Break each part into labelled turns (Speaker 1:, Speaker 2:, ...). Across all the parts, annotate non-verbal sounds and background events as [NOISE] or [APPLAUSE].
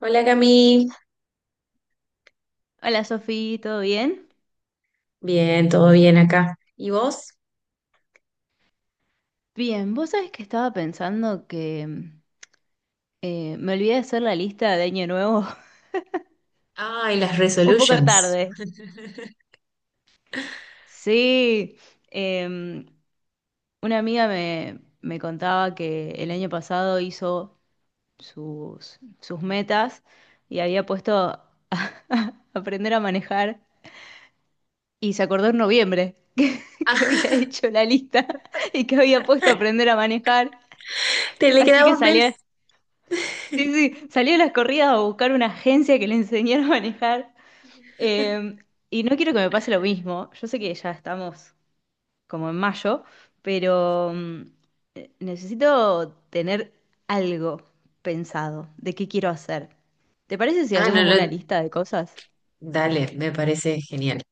Speaker 1: Hola Cami,
Speaker 2: Hola Sofi, ¿todo bien?
Speaker 1: bien, todo bien acá. ¿Y vos?
Speaker 2: Bien, vos sabés que estaba pensando que me olvidé de hacer la lista de Año Nuevo
Speaker 1: Ay, las
Speaker 2: [LAUGHS] un poco
Speaker 1: resolutions.
Speaker 2: tarde.
Speaker 1: [LAUGHS]
Speaker 2: Sí, em, una amiga me contaba que el año pasado hizo sus metas y había puesto a [LAUGHS] aprender a manejar y se acordó en noviembre [LAUGHS] que había
Speaker 1: Ah, [LAUGHS]
Speaker 2: hecho la lista [LAUGHS] y que había puesto a aprender a manejar.
Speaker 1: te le
Speaker 2: Así
Speaker 1: queda
Speaker 2: que
Speaker 1: un mes.
Speaker 2: salía. Sí,
Speaker 1: [LAUGHS]
Speaker 2: sí, salí a las corridas a buscar una agencia que le enseñara a manejar. eh, y no quiero que me pase lo mismo. Yo sé que ya estamos como en mayo, pero necesito tener algo pensado de qué quiero hacer. ¿Te parece si
Speaker 1: Ah, no,
Speaker 2: hacemos una
Speaker 1: no,
Speaker 2: lista de cosas?
Speaker 1: dale, me parece genial.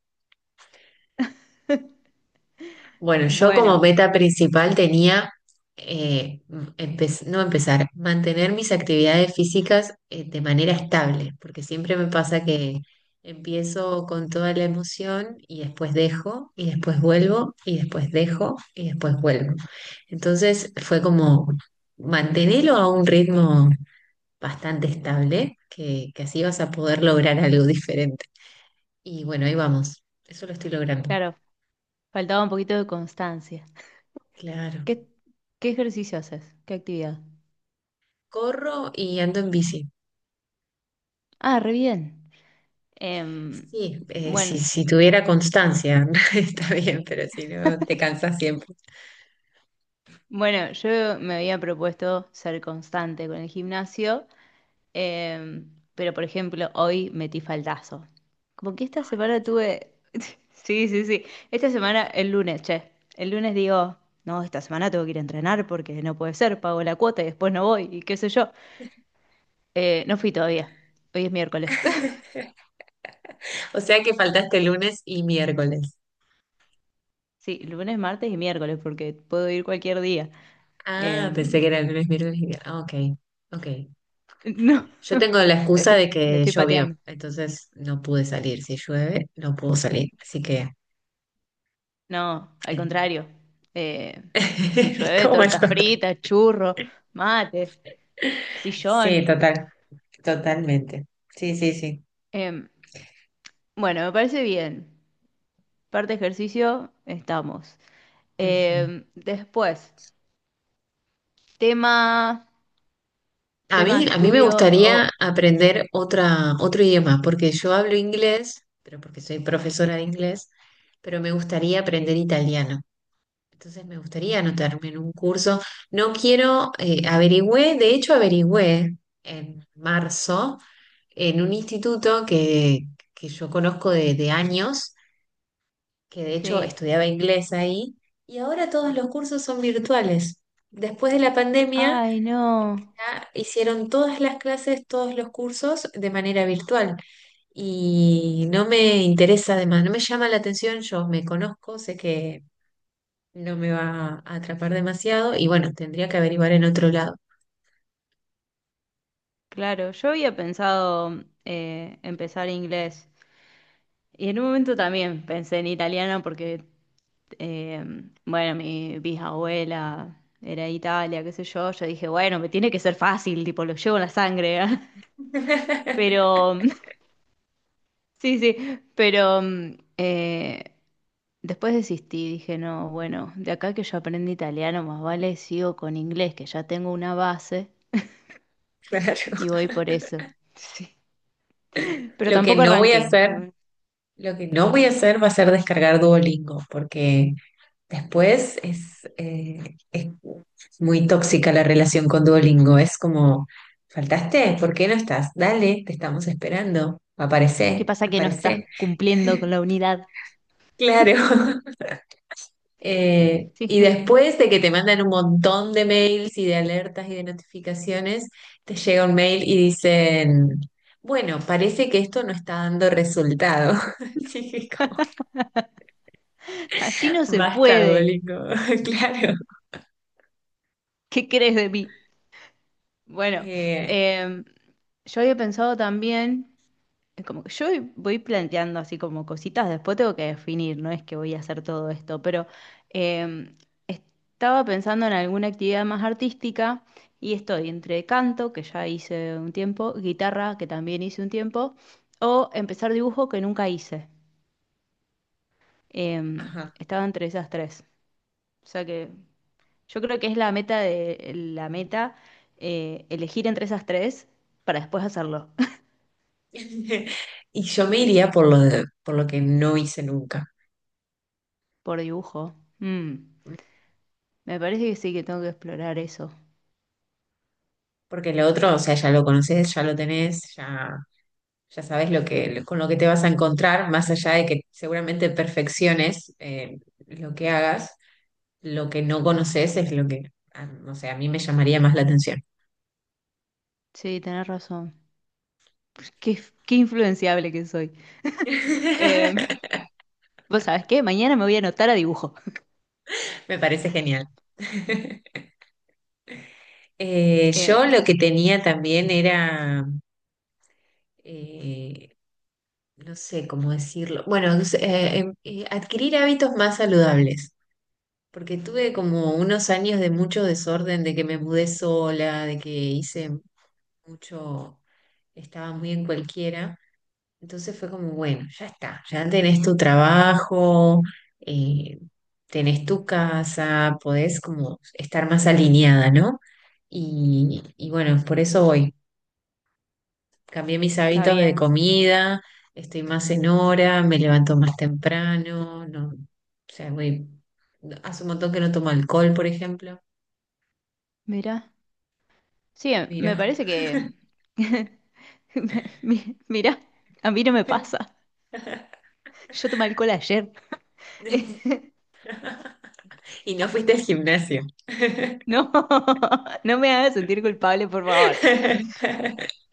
Speaker 1: Bueno, yo como
Speaker 2: Bueno,
Speaker 1: meta principal tenía, eh, no empezar, mantener mis actividades físicas de manera estable, porque siempre me pasa que empiezo con toda la emoción y después dejo, y después vuelvo, y después dejo, y después vuelvo. Entonces fue como mantenerlo a un ritmo bastante estable, que así vas a poder lograr algo diferente. Y bueno, ahí vamos, eso lo estoy logrando.
Speaker 2: claro, faltaba un poquito de constancia.
Speaker 1: Claro.
Speaker 2: ¿Qué, qué ejercicio haces? ¿Qué actividad?
Speaker 1: Corro y ando en bici.
Speaker 2: Ah, re bien. Em,
Speaker 1: Sí, si,
Speaker 2: bueno.
Speaker 1: si tuviera constancia, [LAUGHS] está bien, pero si no, te cansas siempre.
Speaker 2: Bueno, yo me había propuesto ser constante con el gimnasio, pero por ejemplo, hoy metí faltazo. Como que esta semana tuve... [LAUGHS] Sí, sí, sí. Esta semana, el lunes, che. El lunes digo, no, esta semana tengo que ir a entrenar porque no puede ser, pago la cuota y después no voy y qué sé yo. No fui todavía. Hoy es miércoles. [LAUGHS]
Speaker 1: [LAUGHS] O sea que faltaste lunes y miércoles.
Speaker 2: Sí, lunes, martes y miércoles porque puedo ir cualquier día.
Speaker 1: Ah, pensé
Speaker 2: Em,
Speaker 1: que era lunes, miércoles y viernes. Ah, ok, ok.
Speaker 2: [LAUGHS] no, [LAUGHS]
Speaker 1: Yo tengo la excusa
Speaker 2: estoy,
Speaker 1: de
Speaker 2: lo
Speaker 1: que
Speaker 2: estoy
Speaker 1: llovió,
Speaker 2: pateando.
Speaker 1: entonces no pude salir. Si llueve, no puedo salir. Así que,
Speaker 2: No, al
Speaker 1: eh,
Speaker 2: contrario. Eh, si
Speaker 1: [LAUGHS]
Speaker 2: llueve,
Speaker 1: como el
Speaker 2: torta
Speaker 1: otro.
Speaker 2: frita, churro, mate,
Speaker 1: Sí,
Speaker 2: sillón.
Speaker 1: total, totalmente. Sí, sí, sí.
Speaker 2: Em, bueno, me parece bien. Parte ejercicio, estamos.
Speaker 1: Ujú.
Speaker 2: Después, tema,
Speaker 1: A
Speaker 2: tema
Speaker 1: mí, a mí me
Speaker 2: estudio
Speaker 1: gustaría
Speaker 2: o...
Speaker 1: aprender otro idioma, porque yo hablo inglés, pero porque soy profesora de inglés, pero me gustaría aprender
Speaker 2: sí,
Speaker 1: italiano. Entonces me gustaría anotarme en un curso. No quiero, averigüé, de hecho averigüé en marzo en un instituto que yo conozco de, años, que de hecho
Speaker 2: sí.
Speaker 1: estudiaba inglés ahí, y ahora todos los cursos son virtuales. Después de la pandemia
Speaker 2: Ay, no.
Speaker 1: ya hicieron todas las clases, todos los cursos de manera virtual. Y no me interesa, además, no me llama la atención, yo me conozco, sé que no me va a atrapar demasiado y bueno, tendría que averiguar en otro lado.
Speaker 2: Claro, yo había pensado empezar inglés, y en un momento también pensé en italiano porque, eh, bueno, mi bisabuela era de Italia, qué sé yo. Yo dije, bueno, me tiene que ser fácil, tipo, lo llevo en la sangre. [LAUGHS]
Speaker 1: [LAUGHS]
Speaker 2: Pero, [LAUGHS] sí, sí, pero después desistí. Dije, no, bueno, de acá que yo aprendí italiano, más vale sigo con inglés, que ya tengo una base
Speaker 1: Claro.
Speaker 2: y voy por eso. Sí. Pero
Speaker 1: Lo que
Speaker 2: tampoco
Speaker 1: no voy a
Speaker 2: arranqué,
Speaker 1: hacer,
Speaker 2: ¿no?
Speaker 1: lo que no voy a hacer va a ser descargar Duolingo, porque Después es muy tóxica la relación con Duolingo. Es como, ¿faltaste? ¿Por qué no estás? Dale, te estamos esperando.
Speaker 2: ¿Qué
Speaker 1: Aparece,
Speaker 2: pasa que no estás
Speaker 1: aparece.
Speaker 2: cumpliendo con la unidad?
Speaker 1: Claro. [LAUGHS]
Speaker 2: Sí.
Speaker 1: Y
Speaker 2: [LAUGHS]
Speaker 1: después de que te mandan un montón de mails y de alertas y de notificaciones, te llega un mail y dicen, bueno, parece que esto no está dando resultado. [LAUGHS] Sí, como,
Speaker 2: Así no se
Speaker 1: basta,
Speaker 2: puede.
Speaker 1: Duolingo. [LAUGHS] Claro.
Speaker 2: ¿Qué crees de mí? Bueno,
Speaker 1: Eh,
Speaker 2: em, yo había pensado también, como que yo voy planteando así como cositas, después tengo que definir, no es que voy a hacer todo esto, pero em, estaba pensando en alguna actividad más artística y estoy entre canto, que ya hice un tiempo, guitarra, que también hice un tiempo, o empezar dibujo que nunca hice.
Speaker 1: ajá.
Speaker 2: Estaba entre esas tres. O sea que yo creo que es la meta de la meta elegir entre esas tres para después hacerlo.
Speaker 1: Y yo me iría por lo que no hice nunca.
Speaker 2: [LAUGHS] Por dibujo. Mm, me parece que sí, que tengo que explorar eso.
Speaker 1: Porque lo otro, o sea, ya lo conoces, ya lo tenés, ya sabes con lo que te vas a encontrar, más allá de que seguramente perfecciones lo que hagas, lo que no conoces es lo que, ah, no sé, a mí me llamaría más la atención.
Speaker 2: Sí, tenés razón. Pues, qué influenciable que soy. Em, [LAUGHS]
Speaker 1: [LAUGHS]
Speaker 2: vos sabés qué, mañana me voy a anotar a dibujo.
Speaker 1: Me parece genial. [LAUGHS]
Speaker 2: Em,
Speaker 1: Yo lo que tenía también era, eh, no sé cómo decirlo. Bueno, adquirir hábitos más saludables, porque tuve como unos años de mucho desorden, de que me mudé sola, de que hice mucho, estaba muy en cualquiera. Entonces fue como, bueno, ya está, ya tenés tu trabajo, eh, tenés tu casa, podés como estar más alineada, ¿no? Y bueno, por eso voy. Cambié mis
Speaker 2: está
Speaker 1: hábitos de
Speaker 2: bien.
Speaker 1: comida, estoy más en hora, me levanto más temprano, no, o sea, hace un montón que no tomo alcohol, por ejemplo.
Speaker 2: Mira. Sí, me
Speaker 1: Mira.
Speaker 2: parece que... [LAUGHS] Mira, a mí no me pasa.
Speaker 1: [LAUGHS]
Speaker 2: Yo tomé alcohol ayer. [LAUGHS]
Speaker 1: Y no fuiste al gimnasio.
Speaker 2: No, [LAUGHS] no me hagas sentir culpable, por favor.
Speaker 1: [LAUGHS]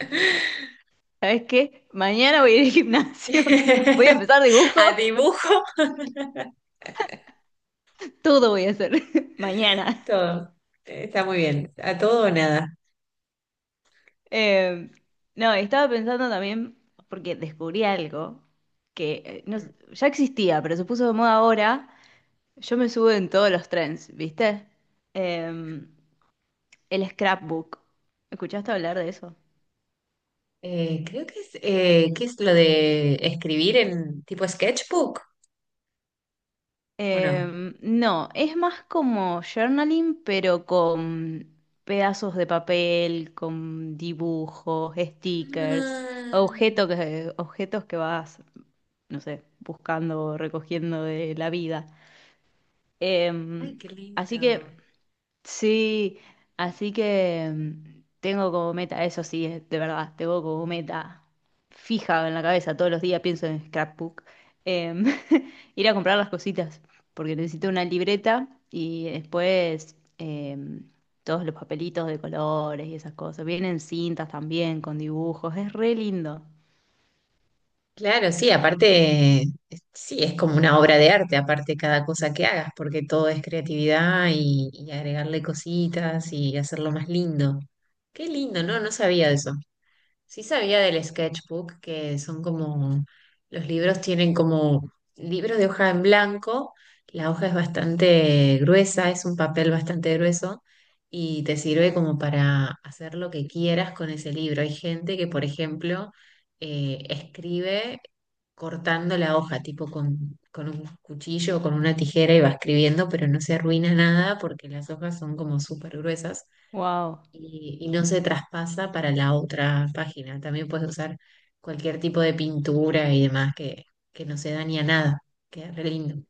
Speaker 2: ¿Sabes qué? Mañana voy a ir al gimnasio, [LAUGHS] voy a empezar dibujo,
Speaker 1: A
Speaker 2: [LAUGHS]
Speaker 1: dibujo,
Speaker 2: todo voy a hacer [LAUGHS] mañana.
Speaker 1: todo. Está muy bien. A todo o nada.
Speaker 2: Eh, no, estaba pensando también, porque descubrí algo que no s- ya existía, pero se puso de moda ahora. Yo me subo en todos los trends, ¿viste? Eh, el scrapbook. ¿Escuchaste hablar de eso?
Speaker 1: Creo que ¿qué es lo de escribir en tipo sketchbook o no?
Speaker 2: No, es más como journaling, pero con pedazos de papel, con dibujos, stickers,
Speaker 1: Ah,
Speaker 2: objetos que vas, no sé, buscando o recogiendo de la vida. Em,
Speaker 1: ay, qué
Speaker 2: así que
Speaker 1: lindo.
Speaker 2: sí, así que mm, tengo como meta, eso sí, de verdad, tengo como meta fija en la cabeza, todos los días pienso en scrapbook, em, [LAUGHS] ir a comprar las cositas, porque necesito una libreta y después todos los papelitos de colores y esas cosas. Vienen cintas también con dibujos, es re lindo.
Speaker 1: Claro, sí, aparte, sí, es como una obra de arte, aparte cada cosa que hagas, porque todo es creatividad y agregarle cositas y hacerlo más lindo. Qué lindo, ¿no? No sabía de eso. Sí sabía del sketchbook, que son como, los libros tienen como libros de hoja en blanco, la hoja es bastante gruesa, es un papel bastante grueso y te sirve como para hacer lo que quieras con ese libro. Hay gente que, por ejemplo, escribe cortando la hoja, tipo con un cuchillo o con una tijera y va escribiendo, pero no se arruina nada porque las hojas son como súper gruesas
Speaker 2: Wow.
Speaker 1: y no se traspasa para la otra página. También puedes usar cualquier tipo de pintura y demás que no se daña nada. Queda re lindo.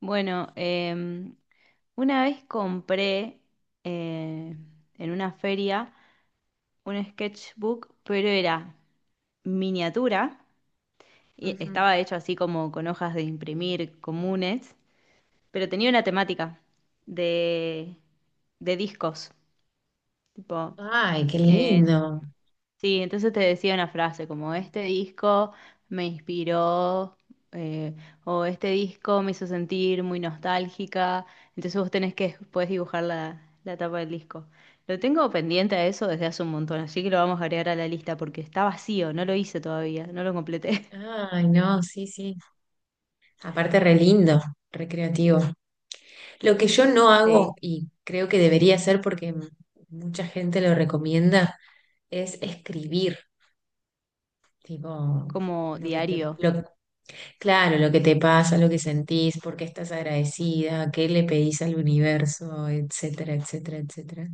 Speaker 2: Bueno, una vez compré eh, en una feria un sketchbook, pero era miniatura y
Speaker 1: Ujú.
Speaker 2: estaba hecho así como con hojas de imprimir comunes, pero tenía una temática de, de discos. Tipo,
Speaker 1: Ay, qué
Speaker 2: eh,
Speaker 1: lindo.
Speaker 2: sí, entonces te decía una frase como este disco me inspiró, eh, o este disco me hizo sentir muy nostálgica. Entonces vos tenés que puedes dibujar la tapa del disco. Lo tengo pendiente a eso desde hace un montón, así que lo vamos a agregar a la lista porque está vacío, no lo hice todavía, no lo completé. [LAUGHS]
Speaker 1: Ay, no, sí, sí. Aparte, re lindo, re creativo. Lo que yo no hago
Speaker 2: Sí,
Speaker 1: y creo que debería hacer porque mucha gente lo recomienda es escribir. Tipo,
Speaker 2: como
Speaker 1: lo que te,
Speaker 2: diario.
Speaker 1: lo- claro, lo que te pasa, lo que sentís, por qué estás agradecida, qué le pedís al universo, etcétera, etcétera, etcétera.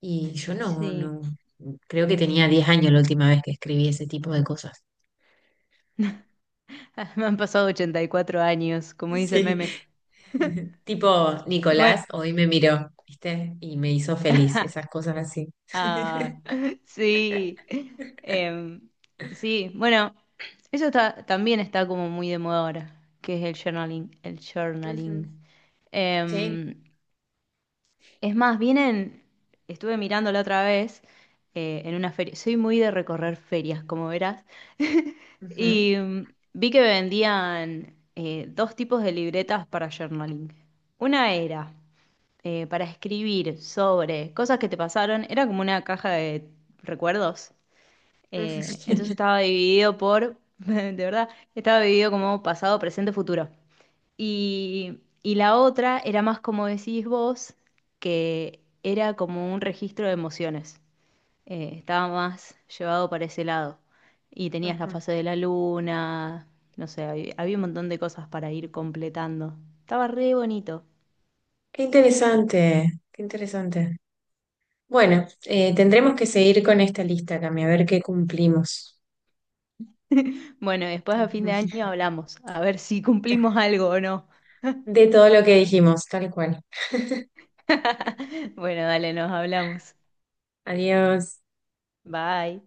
Speaker 1: Y yo no,
Speaker 2: Sí,
Speaker 1: no, creo que tenía 10 años la última vez que escribí ese tipo de cosas.
Speaker 2: [LAUGHS] me han pasado 84 años, como dice el
Speaker 1: Sí.
Speaker 2: meme.
Speaker 1: [LAUGHS] Tipo, Nicolás
Speaker 2: Bueno.
Speaker 1: hoy me miró, ¿viste? Y me hizo feliz,
Speaker 2: [LAUGHS]
Speaker 1: esas cosas así.
Speaker 2: Ah,
Speaker 1: [LAUGHS]
Speaker 2: [LAUGHS] sí. Em, sí, bueno, eso está, también está como muy de moda ahora, que es el journaling, el
Speaker 1: Ujú.
Speaker 2: journaling.
Speaker 1: Sí.
Speaker 2: Em, es más, vienen, estuve mirando la otra vez en una feria, soy muy de recorrer ferias, como verás, [LAUGHS]
Speaker 1: Ujú,
Speaker 2: y vi que vendían 2 tipos de libretas para journaling. Una era para escribir sobre cosas que te pasaron, era como una caja de recuerdos.
Speaker 1: ujú,
Speaker 2: Entonces
Speaker 1: [LAUGHS]
Speaker 2: estaba dividido por, [LAUGHS] de verdad, estaba dividido como pasado, presente, futuro. Y la otra era más como decís vos, que era como un registro de emociones. Estaba más llevado para ese lado. Y tenías la
Speaker 1: ujú.
Speaker 2: fase de la luna, no sé, había un montón de cosas para ir completando. Estaba re bonito.
Speaker 1: Qué interesante, qué interesante. Bueno,
Speaker 2: Sí.
Speaker 1: tendremos que seguir con esta lista, Cami, a ver qué cumplimos.
Speaker 2: [LAUGHS] Bueno, después a fin de
Speaker 1: Ujú.
Speaker 2: año hablamos, a ver si cumplimos algo o no.
Speaker 1: De todo lo que dijimos, tal cual. [LAUGHS]
Speaker 2: [LAUGHS] Bueno, dale, nos hablamos.
Speaker 1: Adiós.
Speaker 2: Bye.